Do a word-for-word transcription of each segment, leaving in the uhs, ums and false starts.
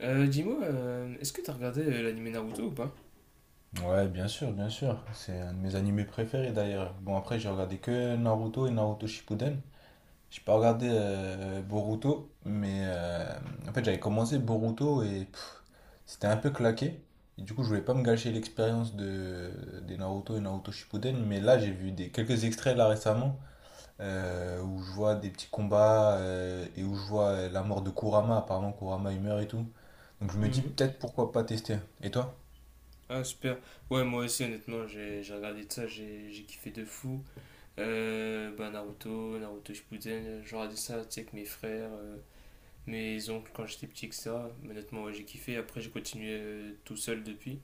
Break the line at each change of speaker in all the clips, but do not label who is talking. Euh, dis-moi, euh, est-ce que t'as regardé euh, l'anime Naruto ou pas?
Ouais, bien sûr, bien sûr. C'est un de mes animés préférés d'ailleurs. Bon, après, j'ai regardé que Naruto et Naruto Shippuden. J'ai pas regardé euh, Boruto, mais euh, en fait, j'avais commencé Boruto et pff, c'était un peu claqué. Et du coup, je voulais pas me gâcher l'expérience de, des Naruto et Naruto Shippuden, mais là, j'ai vu des, quelques extraits là récemment euh, où je vois des petits combats euh, et où je vois euh, la mort de Kurama. Apparemment, Kurama il meurt et tout. Donc, je me dis
Mhm.
peut-être pourquoi pas tester. Et toi?
Ah, super. Ouais, moi aussi, honnêtement, j'ai j'ai regardé de ça, j'ai j'ai kiffé de fou. Euh, bah, Naruto, Naruto Shippuden, euh, j'ai regardé ça, tu sais, avec mes frères, euh, mes oncles quand j'étais petit, et cetera. Mais honnêtement, ouais, j'ai kiffé. Après, j'ai continué euh, tout seul depuis.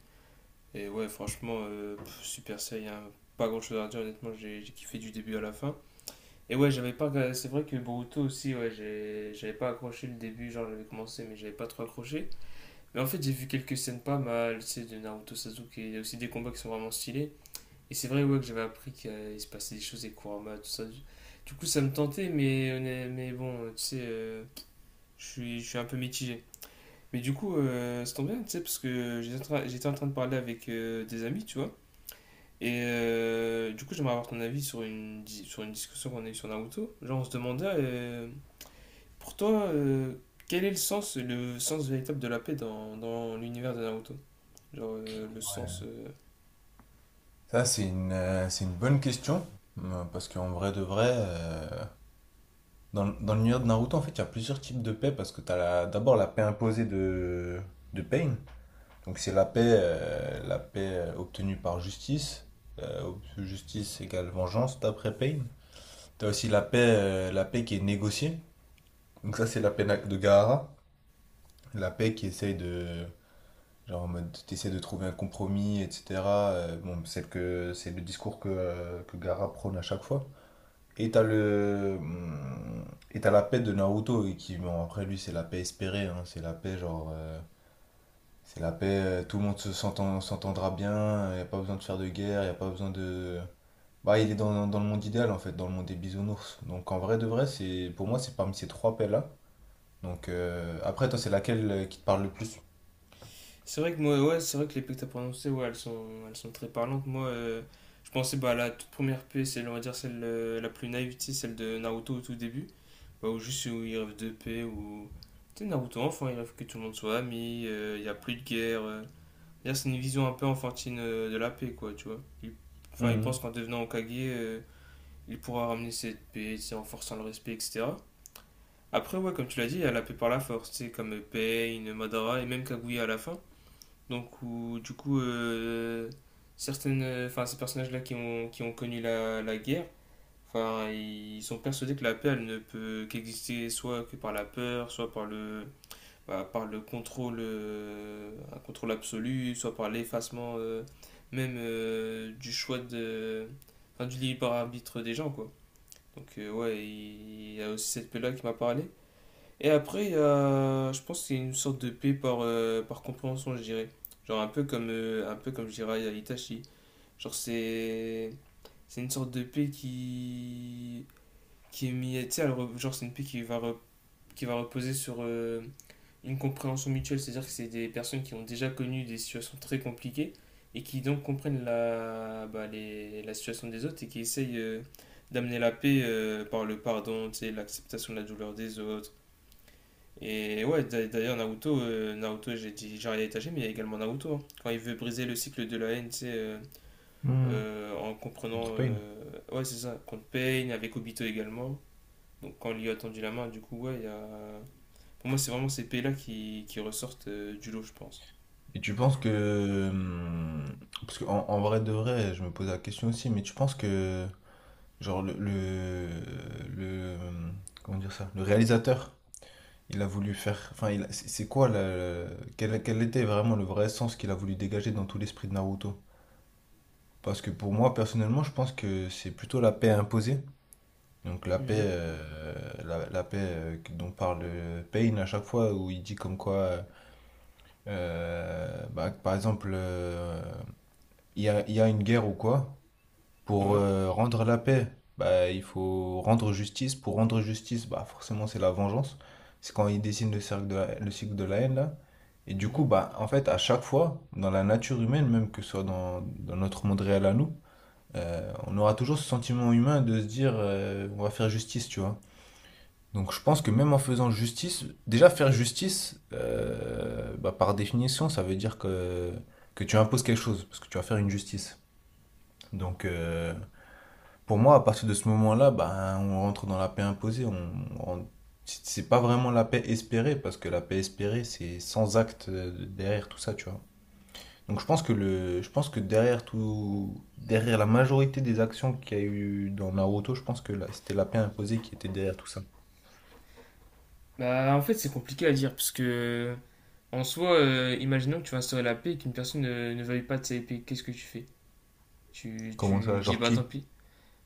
Et ouais, franchement, euh, pff, Super Saiyan, pas grand-chose à dire, honnêtement, j'ai j'ai kiffé du début à la fin. Et ouais, j'avais pas regardé- c'est vrai que Boruto aussi, ouais, j'ai- j'avais pas accroché le début, genre j'avais commencé, mais j'avais pas trop accroché. Mais en fait, j'ai vu quelques scènes pas mal, c'est de Naruto Sasuke, il y a aussi des combats qui sont vraiment stylés. Et c'est vrai ouais, que j'avais appris qu'il se passait des choses avec Kurama, tout ça. Du coup, ça me tentait, mais, honn- mais bon, tu sais, euh, je suis je suis un peu mitigé. Mais du coup, euh, ça tombe bien, tu sais, parce que j'étais en train- j'étais en train de parler avec euh, des amis, tu vois. Et euh, du coup, j'aimerais avoir ton avis sur une, di- sur une discussion qu'on a eue sur Naruto. Genre, on se demandait, euh, pour toi, euh, quel est le sens, le sens véritable de la paix dans, dans l'univers de Naruto? Genre euh, le sens. Euh,
Ça, c'est une, euh, c'est une bonne question. euh, Parce qu'en vrai de vrai, euh, dans, dans l'univers de Naruto, en fait, il y a plusieurs types de paix. Parce que tu as d'abord la paix imposée de, de Pain. Donc, c'est la paix, euh, la paix euh, obtenue par justice. Euh, ob- justice égale vengeance d'après Pain. Tu as aussi la paix, euh, la paix qui est négociée. Donc, ça, c'est la paix na- de Gaara. La paix qui essaye de. Genre en mode, t'essaies de trouver un compromis, et cetera. Euh, bon, c'est que c'est le discours que, euh, que Gaara prône à chaque fois. Et t'as le. hum, Et t'as la paix de Naruto, et qui, bon, après lui, c'est la paix espérée, hein, c'est la paix, genre. euh, c'est la paix, euh, tout le monde se s'entend- s'entendra bien, y a pas besoin de faire de guerre, y a pas besoin de. Bah, il est dans, dans le monde idéal, en fait, dans le monde des bisounours. Donc, en vrai de vrai, c'est pour moi, c'est parmi ces trois paix-là. Donc, euh, après, toi, c'est laquelle euh, qui te parle le plus?
C'est vrai que moi, ouais, c'est vrai que les P que t'as prononcées, ouais, elles sont, elles sont très parlantes. Moi, euh, je pensais bah, à la toute première P, c'est, on va dire, celle euh, la plus naïve, tu sais, celle de Naruto au tout début. Bah, ou juste où il rêve de paix, ou. Tu sais, Naruto enfant, il rêve que tout le monde soit ami, euh, il n'y a plus de guerre. euh. D'ailleurs, c'est une vision un peu enfantine euh, de la paix, quoi, tu vois. Il- Enfin, il
Mhm.
pense qu'en devenant Hokage, euh, il pourra ramener cette paix, tu sais, en forçant le respect, et cetera. Après, ouais, comme tu l'as dit, il y a la paix par la force, tu sais, comme euh, Pain, Madara et même Kaguya à la fin. Donc, où, du coup, euh, certaines, enfin, ces personnages-là qui ont, qui ont connu la, la guerre, enfin, ils sont persuadés que la paix, elle ne peut qu'exister soit que par la peur, soit par le, bah, par le contrôle, euh, un contrôle absolu, soit par l'effacement euh, même euh, du choix de, enfin, du libre arbitre des gens, quoi. Donc, euh, ouais, il il y a aussi cette paix-là qui m'a parlé. Et après, il y a- je pense que c'est une sorte de paix par, euh, par compréhension, je dirais. Genre un peu comme, euh, un peu comme je dirais à Itachi. Genre c'est c'est une sorte de paix qui, qui est mise, tu sais, elle re- genre c'est une paix qui va, re- qui va reposer sur euh, une compréhension mutuelle. C'est-à-dire que c'est des personnes qui ont déjà connu des situations très compliquées et qui donc comprennent la, bah, les- la situation des autres et qui essayent euh, d'amener la paix euh, par le pardon, tu sais, l'acceptation de la douleur des autres et ouais, d'a- d'ailleurs, Naruto, euh, Naruto, j'ai dit Jiraiya Itachi, mais il y a également Naruto, hein. Quand il veut briser le cycle de la haine, tu sais, euh,
Hmm.
euh, en comprenant.
Contre Pain.
Euh, ouais, c'est ça, contre Pain, avec Obito également. Donc quand il lui a tendu la main, du coup, ouais, il y a. Pour moi, c'est vraiment ces pays-là qui, qui ressortent euh, du lot, je pense.
Et tu penses que. hum, Parce qu'en en en vrai de vrai, je me pose la question aussi, mais tu penses que genre le, le, le- comment dire ça? Le réalisateur, il a voulu faire. Enfin, il a- c'est c'est quoi la- quel, quel était vraiment le vrai sens qu'il a voulu dégager dans tout l'esprit de Naruto? Parce que pour moi, personnellement, je pense que c'est plutôt la paix imposée. Donc la paix,
Mhm,
euh, la, la paix euh, dont parle euh, Pain à chaque fois, où il dit comme quoi, euh, bah, par exemple, euh, il y a, il y a une guerre ou quoi, pour
ouais,
euh, rendre la paix, bah, il faut rendre justice. Pour rendre justice, bah, forcément, c'est la vengeance. C'est quand ils dessinent le cercle de la- le cycle de la haine, là. Et du coup,
mhm.
bah, en fait, à chaque fois, dans la nature humaine, même que ce soit dans, dans notre monde réel à nous, euh, on aura toujours ce sentiment humain de se dire, euh, on va faire justice, tu vois. Donc, je pense que même en faisant justice, déjà faire justice, euh, bah, par définition, ça veut dire que, que tu imposes quelque chose, parce que tu vas faire une justice. Donc, euh, pour moi, à partir de ce moment-là, ben, on rentre dans la paix imposée. On, on- c'est c'est pas vraiment la paix espérée, parce que la paix espérée, c'est sans acte euh, derrière tout ça, tu vois. Donc je pense que le, je pense que derrière tout, derrière la majorité des actions qu'il y a eu dans Naruto, je pense que là, c'était la paix imposée qui était derrière tout ça.
Bah, en fait, c'est compliqué à dire parce que, en soi, euh, imaginons que tu vas instaurer la paix et qu'une personne ne, ne veuille pas de sa paix. Qu'est-ce que tu fais? Tu,
Comment
tu
ça,
dis,
genre
bah tant
qui?
pis.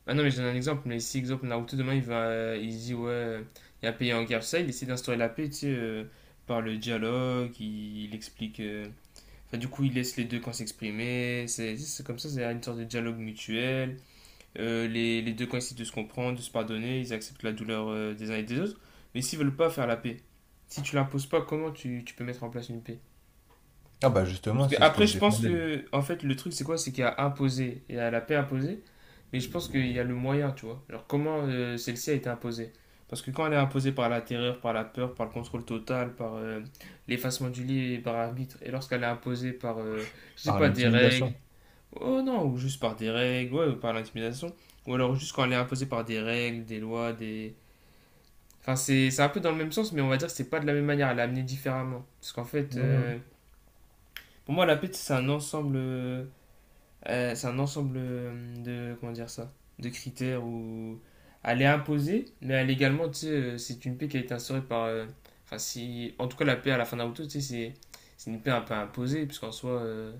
Ah non, mais je donne un exemple. Mais si, exemple, Naruto, demain, il va, euh, il dit, ouais, euh, il y a un pays en guerre, tout ça, il essaie d'instaurer la paix, tu sais, euh, par le dialogue, il, il explique. euh, Enfin, du coup, il laisse les deux camps s'exprimer. C'est c'est comme ça, c'est une sorte de dialogue mutuel. Euh, les, les deux camps essaient de se comprendre, de se pardonner, ils acceptent la douleur euh, des uns et des autres. Mais s'ils veulent pas faire la paix, si tu l'imposes pas, comment tu, tu peux mettre en place une paix?
Ah bah
Parce
justement,
que
c'est ce que
après,
je
je pense
défendais
que, en fait, le truc, c'est quoi? C'est qu'il y a imposé, il y a la paix imposée, mais je pense qu'il y a le moyen, tu vois. Genre, comment euh, celle-ci a été imposée? Parce que quand elle est imposée par la terreur, par la peur, par le contrôle total, par euh, l'effacement du lit et par arbitre, et lorsqu'elle est imposée par, euh, je sais
par
pas, des règles,
l'intimidation.
oh non, ou juste par des règles, ouais, ou par l'intimidation, ou alors juste quand elle est imposée par des règles, des lois, des... Enfin, c'est c'est un peu dans le même sens, mais on va dire que c'est pas de la même manière, elle est amenée différemment. Parce qu'en fait,
Hmm.
euh, pour moi, la paix, c'est un ensemble. Euh, euh, c'est un ensemble euh, de, comment dire ça, de critères où elle est imposée, mais elle est également, tu sais, euh, c'est une paix qui a été instaurée par, euh, enfin, si, en tout cas, la paix à la fin de Naruto, tu sais, c'est, c'est une paix un peu imposée, puisqu'en soi, euh,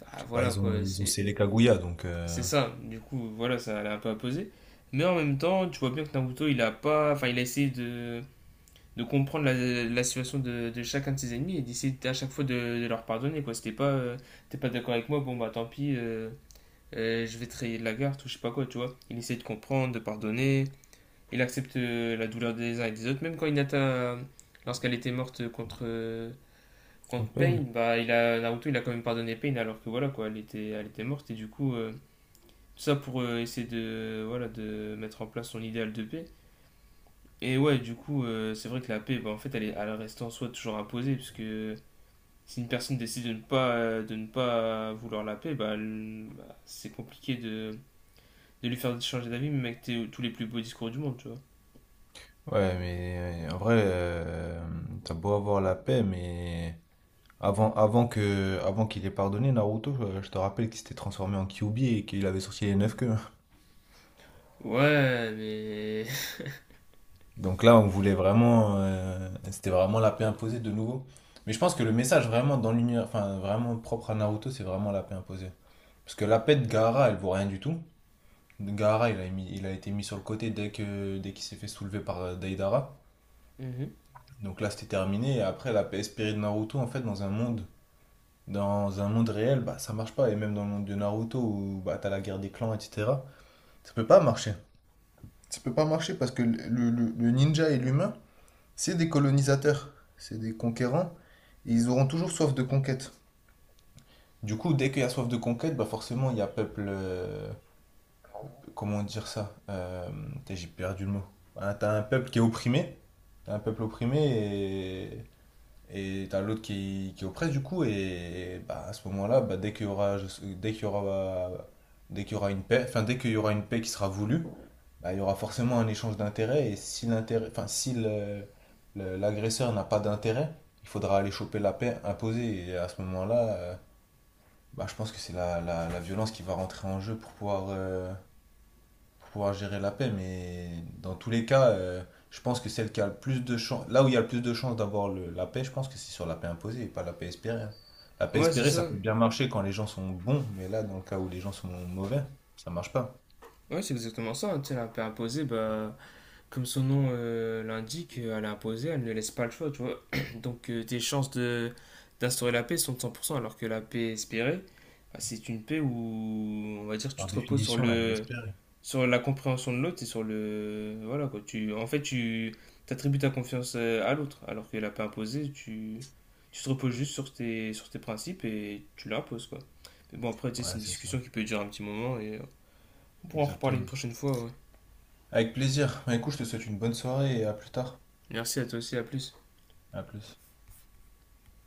bah,
Bah
voilà,
ils ont,
quoi,
ils ont
c'est,
scellé Kaguya, donc
c'est
euh,
ça, du coup, voilà, ça, elle est un peu imposée, mais en même temps, tu vois bien que Naruto, il a pas, enfin, il a essayé de, de comprendre la, la situation de, de chacun de ses ennemis et d'essayer à chaque fois de, de leur pardonner, quoi, c'était pas, euh, t'es pas d'accord avec moi, bon, bah, tant pis, euh, euh, je vais trahir la garde ou je sais pas quoi, tu vois. Il essaie de comprendre, de pardonner. Il accepte euh, la douleur des uns et des autres. Même quand Hinata, euh, lorsqu'elle était morte contre, euh, contre Pain,
campaign.
bah, il a, Naruto il a quand même pardonné Pain alors que voilà quoi, elle était, elle était morte. Et du coup, euh, tout ça pour euh, essayer de, voilà, de mettre en place son idéal de paix. Et ouais, du coup, euh, c'est vrai que la paix, bah, en fait, elle, est, elle reste en soi toujours imposée puisque si une personne décide de ne pas, euh, de ne pas vouloir la paix, bah, elle- bah, c'est compliqué de de lui faire changer d'avis, même avec tes- tous les plus beaux discours du monde, tu vois.
Ouais, mais euh, en vrai, euh, t'as beau avoir la paix, mais avant, avant que, avant qu'il ait pardonné Naruto, euh, je te rappelle qu'il s'était transformé en Kyuubi et qu'il avait sorti les neuf queues.
Ouais, mais.
Donc là, on voulait vraiment, euh, c'était vraiment la paix imposée de nouveau. Mais je pense que le message vraiment dans l'univers, enfin vraiment propre à Naruto, c'est vraiment la paix imposée. Parce que la paix de Gaara, elle vaut rien du tout. Gaara, il a mis- il a été mis sur le côté dès que, dès qu'il s'est fait soulever par euh, Deidara.
Mmh.
Donc là, c'était terminé. Et après, la paix espérée de Naruto, en fait, dans un monde dans un monde réel, bah, ça marche pas. Et même dans le monde de Naruto, où bah, t'as la guerre des clans, et cetera, ça peut pas marcher. Ça peut pas marcher parce que le, le- le ninja et l'humain, c'est des colonisateurs, c'est des conquérants, et ils auront toujours soif de conquête. Du coup, dès qu'il y a soif de conquête, bah forcément, il y a peuple... euh, comment dire ça? Euh, putain, j'ai perdu le mot. Voilà, t'as un peuple qui est opprimé, t'as un peuple opprimé, et Et t'as l'autre qui, qui oppresse du coup, et bah, à ce moment-là, bah, dès qu'il y aura, dès qu'il y aura, dès qu'il y aura une paix, enfin, dès qu'il y aura une paix qui sera voulue, bah, il y aura forcément un échange d'intérêts, et si l'intérêt, enfin, si le- le- l'agresseur n'a pas d'intérêt, il faudra aller choper la paix imposée, et à ce moment-là, euh, bah, je pense que c'est la, la, la violence qui va rentrer en jeu pour pouvoir, euh, pour pouvoir gérer la paix. Mais dans tous les cas, euh, je pense que celle qui a le plus de chance, là où il y a le plus de chances d'avoir le- la paix, je pense que c'est sur la paix imposée et pas la paix espérée, hein. La paix
Ouais, c'est
espérée, ça
ça.
peut bien marcher quand les gens sont bons, mais là, dans le cas où les gens sont mauvais, ça marche pas.
Ouais, c'est exactement ça, hein. Tu sais, elle a un peu imposé, bah, comme son nom euh, l'indique, euh, elle est imposée, elle ne laisse pas le choix, tu vois. Donc, euh, tes chances de d'instaurer la paix sont de cent pour cent, alors que la paix espérée, bah, c'est une paix où, on va dire, tu
Par
te reposes sur
définition, elle est
le
espérée.
sur la compréhension de l'autre et sur le. Voilà quoi. Tu, en fait, tu attribues ta confiance euh, à l'autre, alors qu'elle n'a pas imposé. Tu, tu te reposes juste sur tes, sur tes principes et tu l'imposes quoi. Mais bon, après, tu sais, c'est
Ouais,
une
c'est ça.
discussion qui peut durer un petit moment et on pourra en reparler une
Exactement.
prochaine fois, ouais.
Avec plaisir. Bah, écoute, je te souhaite une bonne soirée et à plus tard.
Merci à toi aussi, à plus.
À plus.